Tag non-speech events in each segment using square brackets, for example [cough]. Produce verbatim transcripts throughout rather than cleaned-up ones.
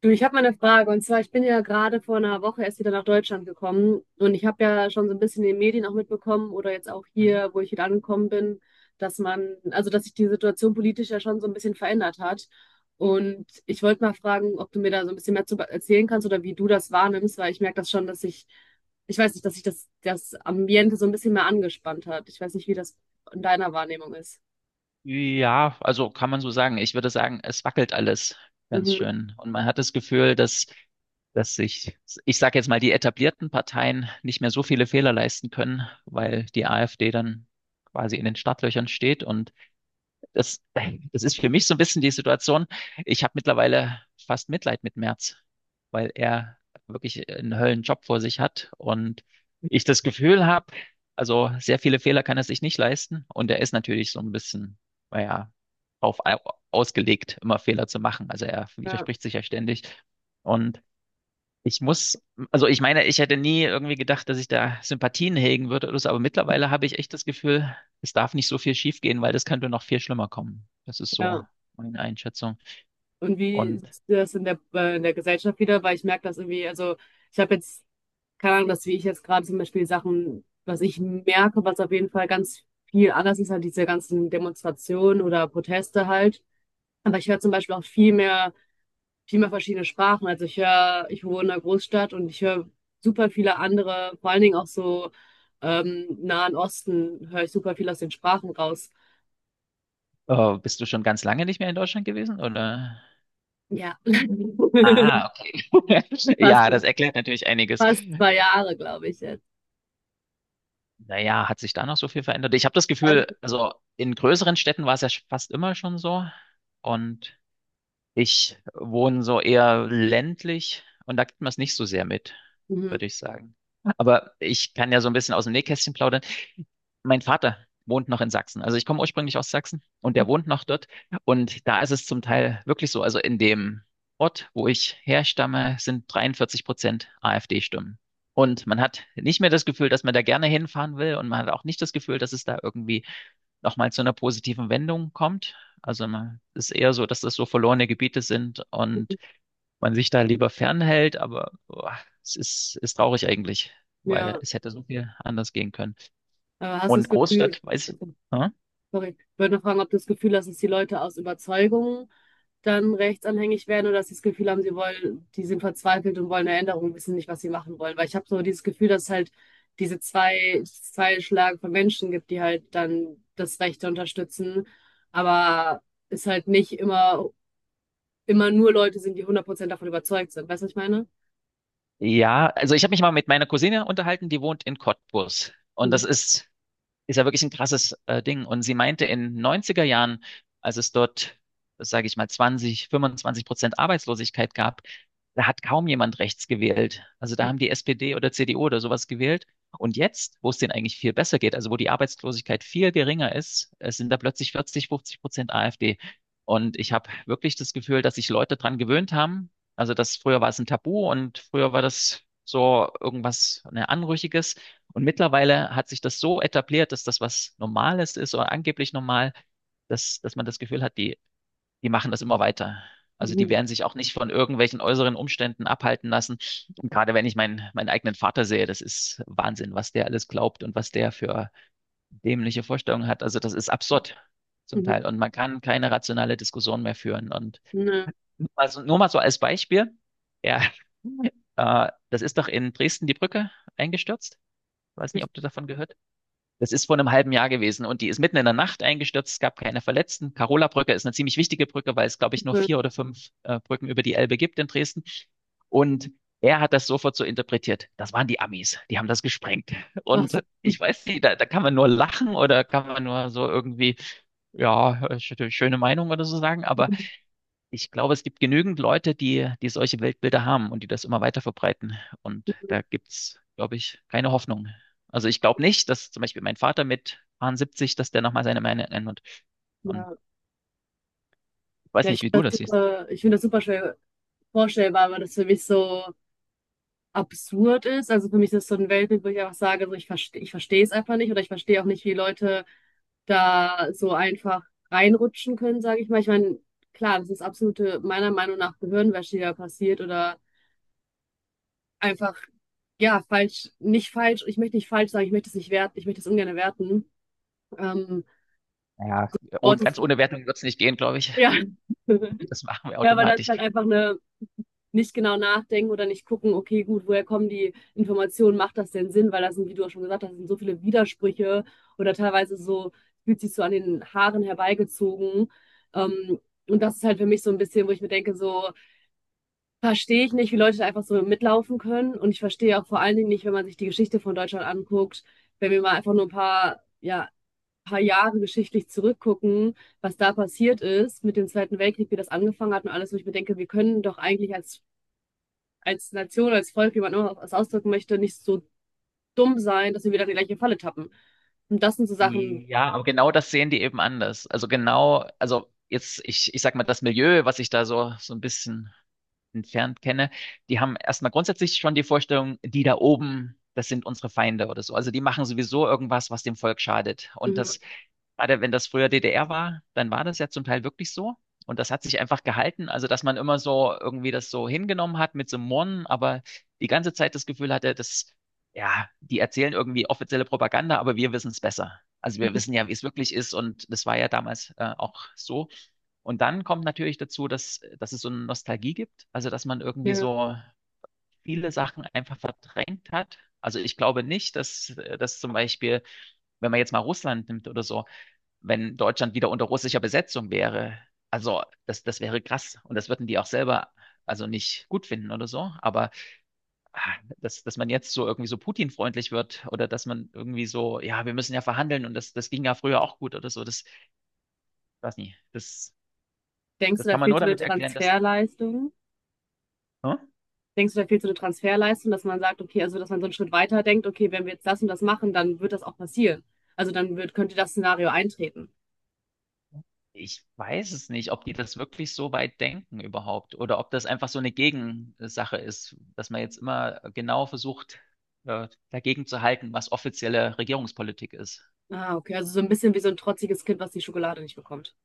Du, ich habe mal eine Frage. Und zwar, ich bin ja gerade vor einer Woche erst wieder nach Deutschland gekommen. Und ich habe ja schon so ein bisschen in den Medien auch mitbekommen oder jetzt auch Mhm. hier, wo ich wieder angekommen bin, dass man, also dass sich die Situation politisch ja schon so ein bisschen verändert hat. Und ich wollte mal fragen, ob du mir da so ein bisschen mehr zu be- erzählen kannst oder wie du das wahrnimmst, weil ich merke das schon, dass ich, ich weiß nicht, dass sich das, das Ambiente so ein bisschen mehr angespannt hat. Ich weiß nicht, wie das in deiner Wahrnehmung ist. Ja, also kann man so sagen. Ich würde sagen, es wackelt alles ganz Mhm. schön. Und man hat das Gefühl, dass, dass sich, ich sage jetzt mal, die etablierten Parteien nicht mehr so viele Fehler leisten können, weil die AfD dann quasi in den Startlöchern steht und das, das ist für mich so ein bisschen die Situation. Ich habe mittlerweile fast Mitleid mit Merz, weil er wirklich einen Höllenjob vor sich hat und ich das Gefühl habe, also sehr viele Fehler kann er sich nicht leisten und er ist natürlich so ein bisschen, naja, auf ausgelegt, immer Fehler zu machen. Also er Ja, widerspricht sich ja ständig und ich muss, also ich meine, ich hätte nie irgendwie gedacht, dass ich da Sympathien hegen würde oder so, aber mittlerweile habe ich echt das Gefühl, es darf nicht so viel schiefgehen, weil das könnte noch viel schlimmer kommen. Das ist so ja. meine Einschätzung. Und wie Und siehst du das in der, äh, in der Gesellschaft wieder? Weil ich merke das irgendwie, also ich habe jetzt, keine Ahnung, dass wie ich jetzt gerade zum Beispiel Sachen, was ich merke, was auf jeden Fall ganz viel anders ist, halt diese ganzen Demonstrationen oder Proteste halt. Aber ich höre zum Beispiel auch viel mehr, viel mehr verschiedene Sprachen. Also ich höre, ich wohne in einer Großstadt und ich höre super viele andere, vor allen Dingen auch so ähm, Nahen Osten, höre ich super viel aus den Sprachen raus. äh, bist du schon ganz lange nicht mehr in Deutschland gewesen, oder? Ja. Ah, [laughs] okay. [laughs] Fast, Ja, das erklärt natürlich einiges. fast zwei Jahre, glaube ich jetzt. Naja, hat sich da noch so viel verändert? Ich habe das Gefühl, also in größeren Städten war es ja fast immer schon so. Und ich wohne so eher ländlich und da kriegt man es nicht so sehr mit, Mhm. würde ich sagen. Aber ich kann ja so ein bisschen aus dem Nähkästchen plaudern. Mein Vater wohnt noch in Sachsen. Also ich komme ursprünglich aus Sachsen und Mhm. der wohnt noch dort. Und da ist es zum Teil wirklich so. Also in dem Ort, wo ich herstamme, sind dreiundvierzig Prozent AfD-Stimmen. Und man hat nicht mehr das Gefühl, dass man da gerne hinfahren will und man hat auch nicht das Gefühl, dass es da irgendwie nochmal zu einer positiven Wendung kommt. Also man ist eher so, dass das so verlorene Gebiete sind und man sich da lieber fernhält, aber boah, es ist, ist traurig eigentlich, weil Ja, es hätte so viel anders gehen können. aber hast du das Und Gefühl, Großstadt, weiß ich. also, Hm? sorry, ich wollte noch fragen, ob du das Gefühl hast, dass die Leute aus Überzeugung dann rechtsanhängig werden oder dass sie das Gefühl haben, sie wollen, die sind verzweifelt und wollen eine Änderung, wissen nicht, was sie machen wollen. Weil ich habe so dieses Gefühl, dass es halt diese zwei, zwei Schlagen von Menschen gibt, die halt dann das Rechte unterstützen, aber es halt nicht immer, immer nur Leute sind, die hundert Prozent davon überzeugt sind. Weißt du, was ich meine? Ja, also ich habe mich mal mit meiner Cousine unterhalten, die wohnt in Cottbus. Und das Mhm. ist ist ja wirklich ein krasses äh, Ding. Und sie meinte, in neunziger Jahren, als es dort, sage ich mal, zwanzig, fünfundzwanzig Prozent Arbeitslosigkeit gab, da hat kaum jemand rechts gewählt. Also da haben die S P D oder C D U oder sowas gewählt. Und jetzt, wo es denen eigentlich viel besser geht, also wo die Arbeitslosigkeit viel geringer ist, es sind da plötzlich vierzig, fünfzig Prozent AfD. Und ich habe wirklich das Gefühl, dass sich Leute dran gewöhnt haben. Also das früher war es ein Tabu und früher war das so irgendwas, ne, Anrüchiges. Und mittlerweile hat sich das so etabliert, dass das was Normales ist oder angeblich normal, dass, dass man das Gefühl hat, die, die machen das immer weiter. Also die Mhm. werden sich auch nicht von irgendwelchen äußeren Umständen abhalten lassen. Und gerade wenn ich meinen, meinen eigenen Vater sehe, das ist Wahnsinn, was der alles glaubt und was der für dämliche Vorstellungen hat. Also das ist absurd zum Mhm. Teil. Und man kann keine rationale Diskussion mehr führen. Und Ja, nur mal so, nur mal so als Beispiel, ja, [laughs] äh, das ist doch in Dresden die Brücke eingestürzt. Ich weiß nicht, ob du richtig davon gehört. Das ist vor einem halben Jahr gewesen und die ist mitten in der Nacht eingestürzt. Es gab keine Verletzten. Karola Brücke ist eine ziemlich wichtige Brücke, weil es, glaube ich, nur cool. vier oder fünf äh, Brücken über die Elbe gibt in Dresden. Und er hat das sofort so interpretiert. Das waren die Amis. Die haben das gesprengt. Ach so. Und ich weiß nicht, da, da kann man nur lachen oder kann man nur so irgendwie, ja, schöne Meinung oder so sagen. Aber Mhm. ich glaube, es gibt genügend Leute, die, die solche Weltbilder haben und die das immer weiter verbreiten. Und da gibt's, glaube ich, keine Hoffnung. Also ich glaube nicht, dass zum Beispiel mein Vater mit siebzig, dass der nochmal seine Meinung ändert. Und Ja. ich weiß Ja, ich nicht, wie du finde das das siehst. super, ich finde das super schwer vorstellbar, weil das für mich so absurd ist. Also für mich ist das so ein Weltbild, wo ich einfach sage, so ich verstehe, ich verstehe es einfach nicht oder ich verstehe auch nicht, wie Leute da so einfach reinrutschen können, sage ich mal. Ich meine, klar, das ist absolute, meiner Meinung nach, Gehirnwäsche, die da passiert oder einfach, ja, falsch, nicht falsch, ich möchte nicht falsch sagen, ich möchte es nicht werten, ich möchte es ungern werten. Ähm, Naja, Wort und ist, ganz ohne Wertung wird's nicht gehen, glaube ich. ja. [laughs] [laughs] Das machen wir Ja, aber das ist automatisch. halt einfach eine nicht genau nachdenken oder nicht gucken, okay, gut, woher kommen die Informationen, macht das denn Sinn? Weil das sind, wie du auch schon gesagt hast, sind so viele Widersprüche oder teilweise so, fühlt sich so an den Haaren herbeigezogen. Ähm, und das ist halt für mich so ein bisschen, wo ich mir denke, so verstehe ich nicht, wie Leute da einfach so mitlaufen können. Und ich verstehe auch vor allen Dingen nicht, wenn man sich die Geschichte von Deutschland anguckt, wenn wir mal einfach nur ein paar, ja, paar Jahre geschichtlich zurückgucken, was da passiert ist mit dem Zweiten Weltkrieg, wie das angefangen hat und alles, wo ich mir denke, wir können doch eigentlich als als Nation, als Volk, wie man immer was ausdrücken möchte, nicht so dumm sein, dass wir wieder in die gleiche Falle tappen. Und das sind so Sachen. Ja, aber genau das sehen die eben anders. Also genau, also jetzt, ich, ich sag mal, das Milieu, was sich da so, so ein bisschen entfernt kenne, die haben erstmal grundsätzlich schon die Vorstellung, die da oben, das sind unsere Feinde oder so. Also die machen sowieso irgendwas, was dem Volk schadet. Und Mhm. das, gerade wenn das früher D D R war, dann war das ja zum Teil wirklich so. Und das hat sich einfach gehalten. Also, dass man immer so irgendwie das so hingenommen hat mit so einem Murren, aber die ganze Zeit das Gefühl hatte, dass, ja, die erzählen irgendwie offizielle Propaganda, aber wir wissen es besser. Also wir wissen ja, wie es wirklich ist und das war ja damals äh, auch so. Und dann kommt natürlich dazu, dass, dass es so eine Nostalgie gibt, also dass man irgendwie Ja. so viele Sachen einfach verdrängt hat. Also ich glaube nicht, dass, dass zum Beispiel, wenn man jetzt mal Russland nimmt oder so, wenn Deutschland wieder unter russischer Besetzung wäre, also das, das wäre krass. Und das würden die auch selber also nicht gut finden oder so. Aber ah, dass, dass man jetzt so irgendwie so Putin-freundlich wird oder dass man irgendwie so, ja, wir müssen ja verhandeln und das, das ging ja früher auch gut oder so, das weiß nicht. Das, Denkst du, das da kann man fehlt nur so eine damit erklären, dass. Transferleistung? Hm? Denkst du, da fehlt so eine Transferleistung, dass man sagt, okay, also dass man so einen Schritt weiter denkt, okay, wenn wir jetzt das und das machen, dann wird das auch passieren. Also dann wird, könnte das Szenario eintreten. Ich weiß es nicht, ob die das wirklich so weit denken überhaupt oder ob das einfach so eine Gegensache ist, dass man jetzt immer genau versucht, äh, dagegen zu halten, was offizielle Regierungspolitik ist. Ah, okay, also so ein bisschen wie so ein trotziges Kind, was die Schokolade nicht bekommt.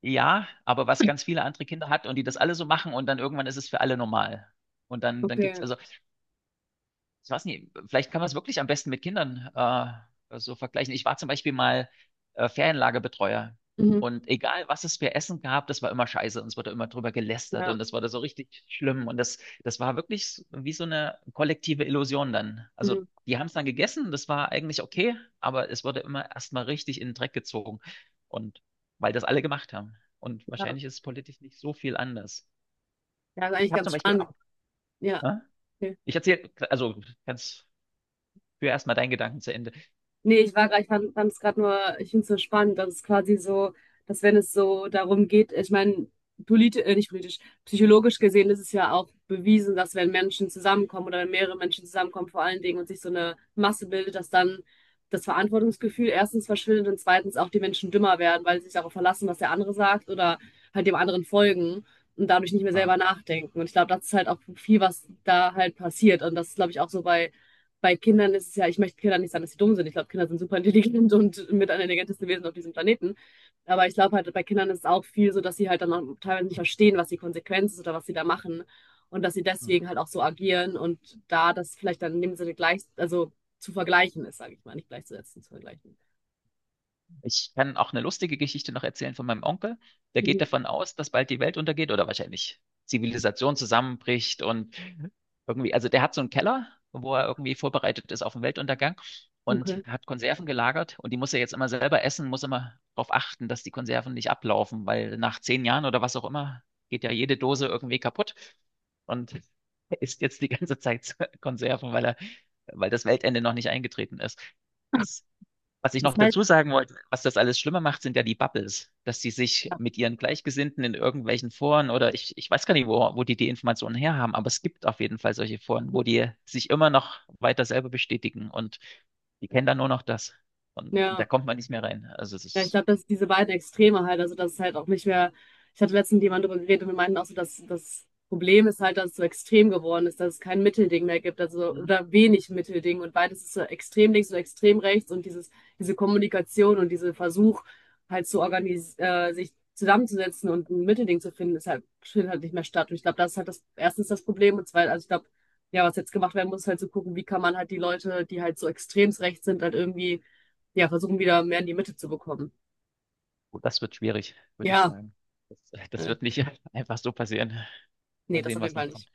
Ja, aber was ganz viele andere Kinder hat und die das alle so machen und dann irgendwann ist es für alle normal. Und dann, dann gibt's Okay. also ich weiß nicht, vielleicht kann man es wirklich am besten mit Kindern äh, so vergleichen. Ich war zum Beispiel mal äh, Ferienlagerbetreuer. Mhm. Und egal, was es für Essen gab, das war immer scheiße und es wurde immer drüber gelästert Ja. und das wurde so richtig schlimm. Und das, das war wirklich s- wie so eine kollektive Illusion dann. Also Mhm. die haben es dann gegessen, das war eigentlich okay, aber es wurde immer erstmal richtig in den Dreck gezogen. Und weil das alle gemacht haben. Und Ja. wahrscheinlich ist es politisch nicht so viel anders. Ja, ist Ich eigentlich habe ganz zum Beispiel spannend. auch, Ja. ne? Ich erzähle, also ganz Führ erstmal deinen Gedanken zu Ende. Nee, ich war gerade, ich fand es gerade nur, ich finde es so spannend, dass es quasi so, dass wenn es so darum geht, ich meine, politisch, äh, nicht politisch, psychologisch gesehen ist es ja auch bewiesen, dass wenn Menschen zusammenkommen oder wenn mehrere Menschen zusammenkommen, vor allen Dingen und sich so eine Masse bildet, dass dann das Verantwortungsgefühl erstens verschwindet und zweitens auch die Menschen dümmer werden, weil sie sich darauf verlassen, was der andere sagt oder halt dem anderen folgen und dadurch nicht mehr Ja. selber nachdenken. Und ich glaube, das ist halt auch viel, was da halt passiert. Und das ist, glaube ich, auch so bei bei Kindern ist es ja, ich möchte Kindern nicht sagen, dass sie dumm sind. Ich glaube, Kinder sind super intelligent [laughs] und mit am intelligentesten Wesen auf diesem Planeten. Aber ich glaube halt, bei Kindern ist es auch viel so, dass sie halt dann auch teilweise nicht verstehen, was die Konsequenz ist oder was sie da machen. Und dass sie Hm. deswegen halt auch so agieren und da das vielleicht dann in dem Sinne gleich, also zu vergleichen ist, sage ich mal, nicht gleichzusetzen, zu vergleichen. Ich kann auch eine lustige Geschichte noch erzählen von meinem Onkel. Der geht Mhm. davon aus, dass bald die Welt untergeht oder wahrscheinlich Zivilisation zusammenbricht und irgendwie, also der hat so einen Keller, wo er irgendwie vorbereitet ist auf den Weltuntergang und Okay. hat Konserven gelagert und die muss er jetzt immer selber essen, muss immer darauf achten, dass die Konserven nicht ablaufen, weil nach zehn Jahren oder was auch immer geht ja jede Dose irgendwie kaputt und [laughs] er isst jetzt die ganze Zeit [laughs] Konserven, weil er, weil das Weltende noch nicht eingetreten ist. Das was ich Das noch heißt, dazu sagen wollte, was das alles schlimmer macht, sind ja die Bubbles, dass die sich mit ihren Gleichgesinnten in irgendwelchen Foren oder ich, ich weiß gar nicht, wo, wo die die Informationen her haben, aber es gibt auf jeden Fall solche Foren, wo die sich immer noch weiter selber bestätigen und die kennen dann nur noch das. Und da ja, kommt man nicht mehr rein. Also es ja, ich ist, glaube, dass diese beiden Extreme halt, also dass ist halt auch nicht mehr, ich hatte letztens mit jemandem darüber geredet und wir meinten auch so, dass das Problem ist halt, dass es so extrem geworden ist, dass es kein Mittelding mehr gibt, also Mhm. oder wenig Mittelding und beides ist so extrem links und extrem rechts und dieses, diese Kommunikation und dieser Versuch halt zu organis äh, sich zusammenzusetzen und ein Mittelding zu finden, ist halt, findet halt nicht mehr statt. Und ich glaube, das ist halt das, erstens das Problem und zweitens, also ich glaube, ja, was jetzt gemacht werden muss, ist halt zu gucken, wie kann man halt die Leute, die halt so extremst rechts sind, halt irgendwie, ja, versuchen wieder mehr in die Mitte zu bekommen. gut, das wird schwierig, würde ich Ja, sagen. Das, das äh, wird nicht [laughs] einfach so passieren. ne, Mal das sehen, auf jeden was Fall noch nicht. kommt.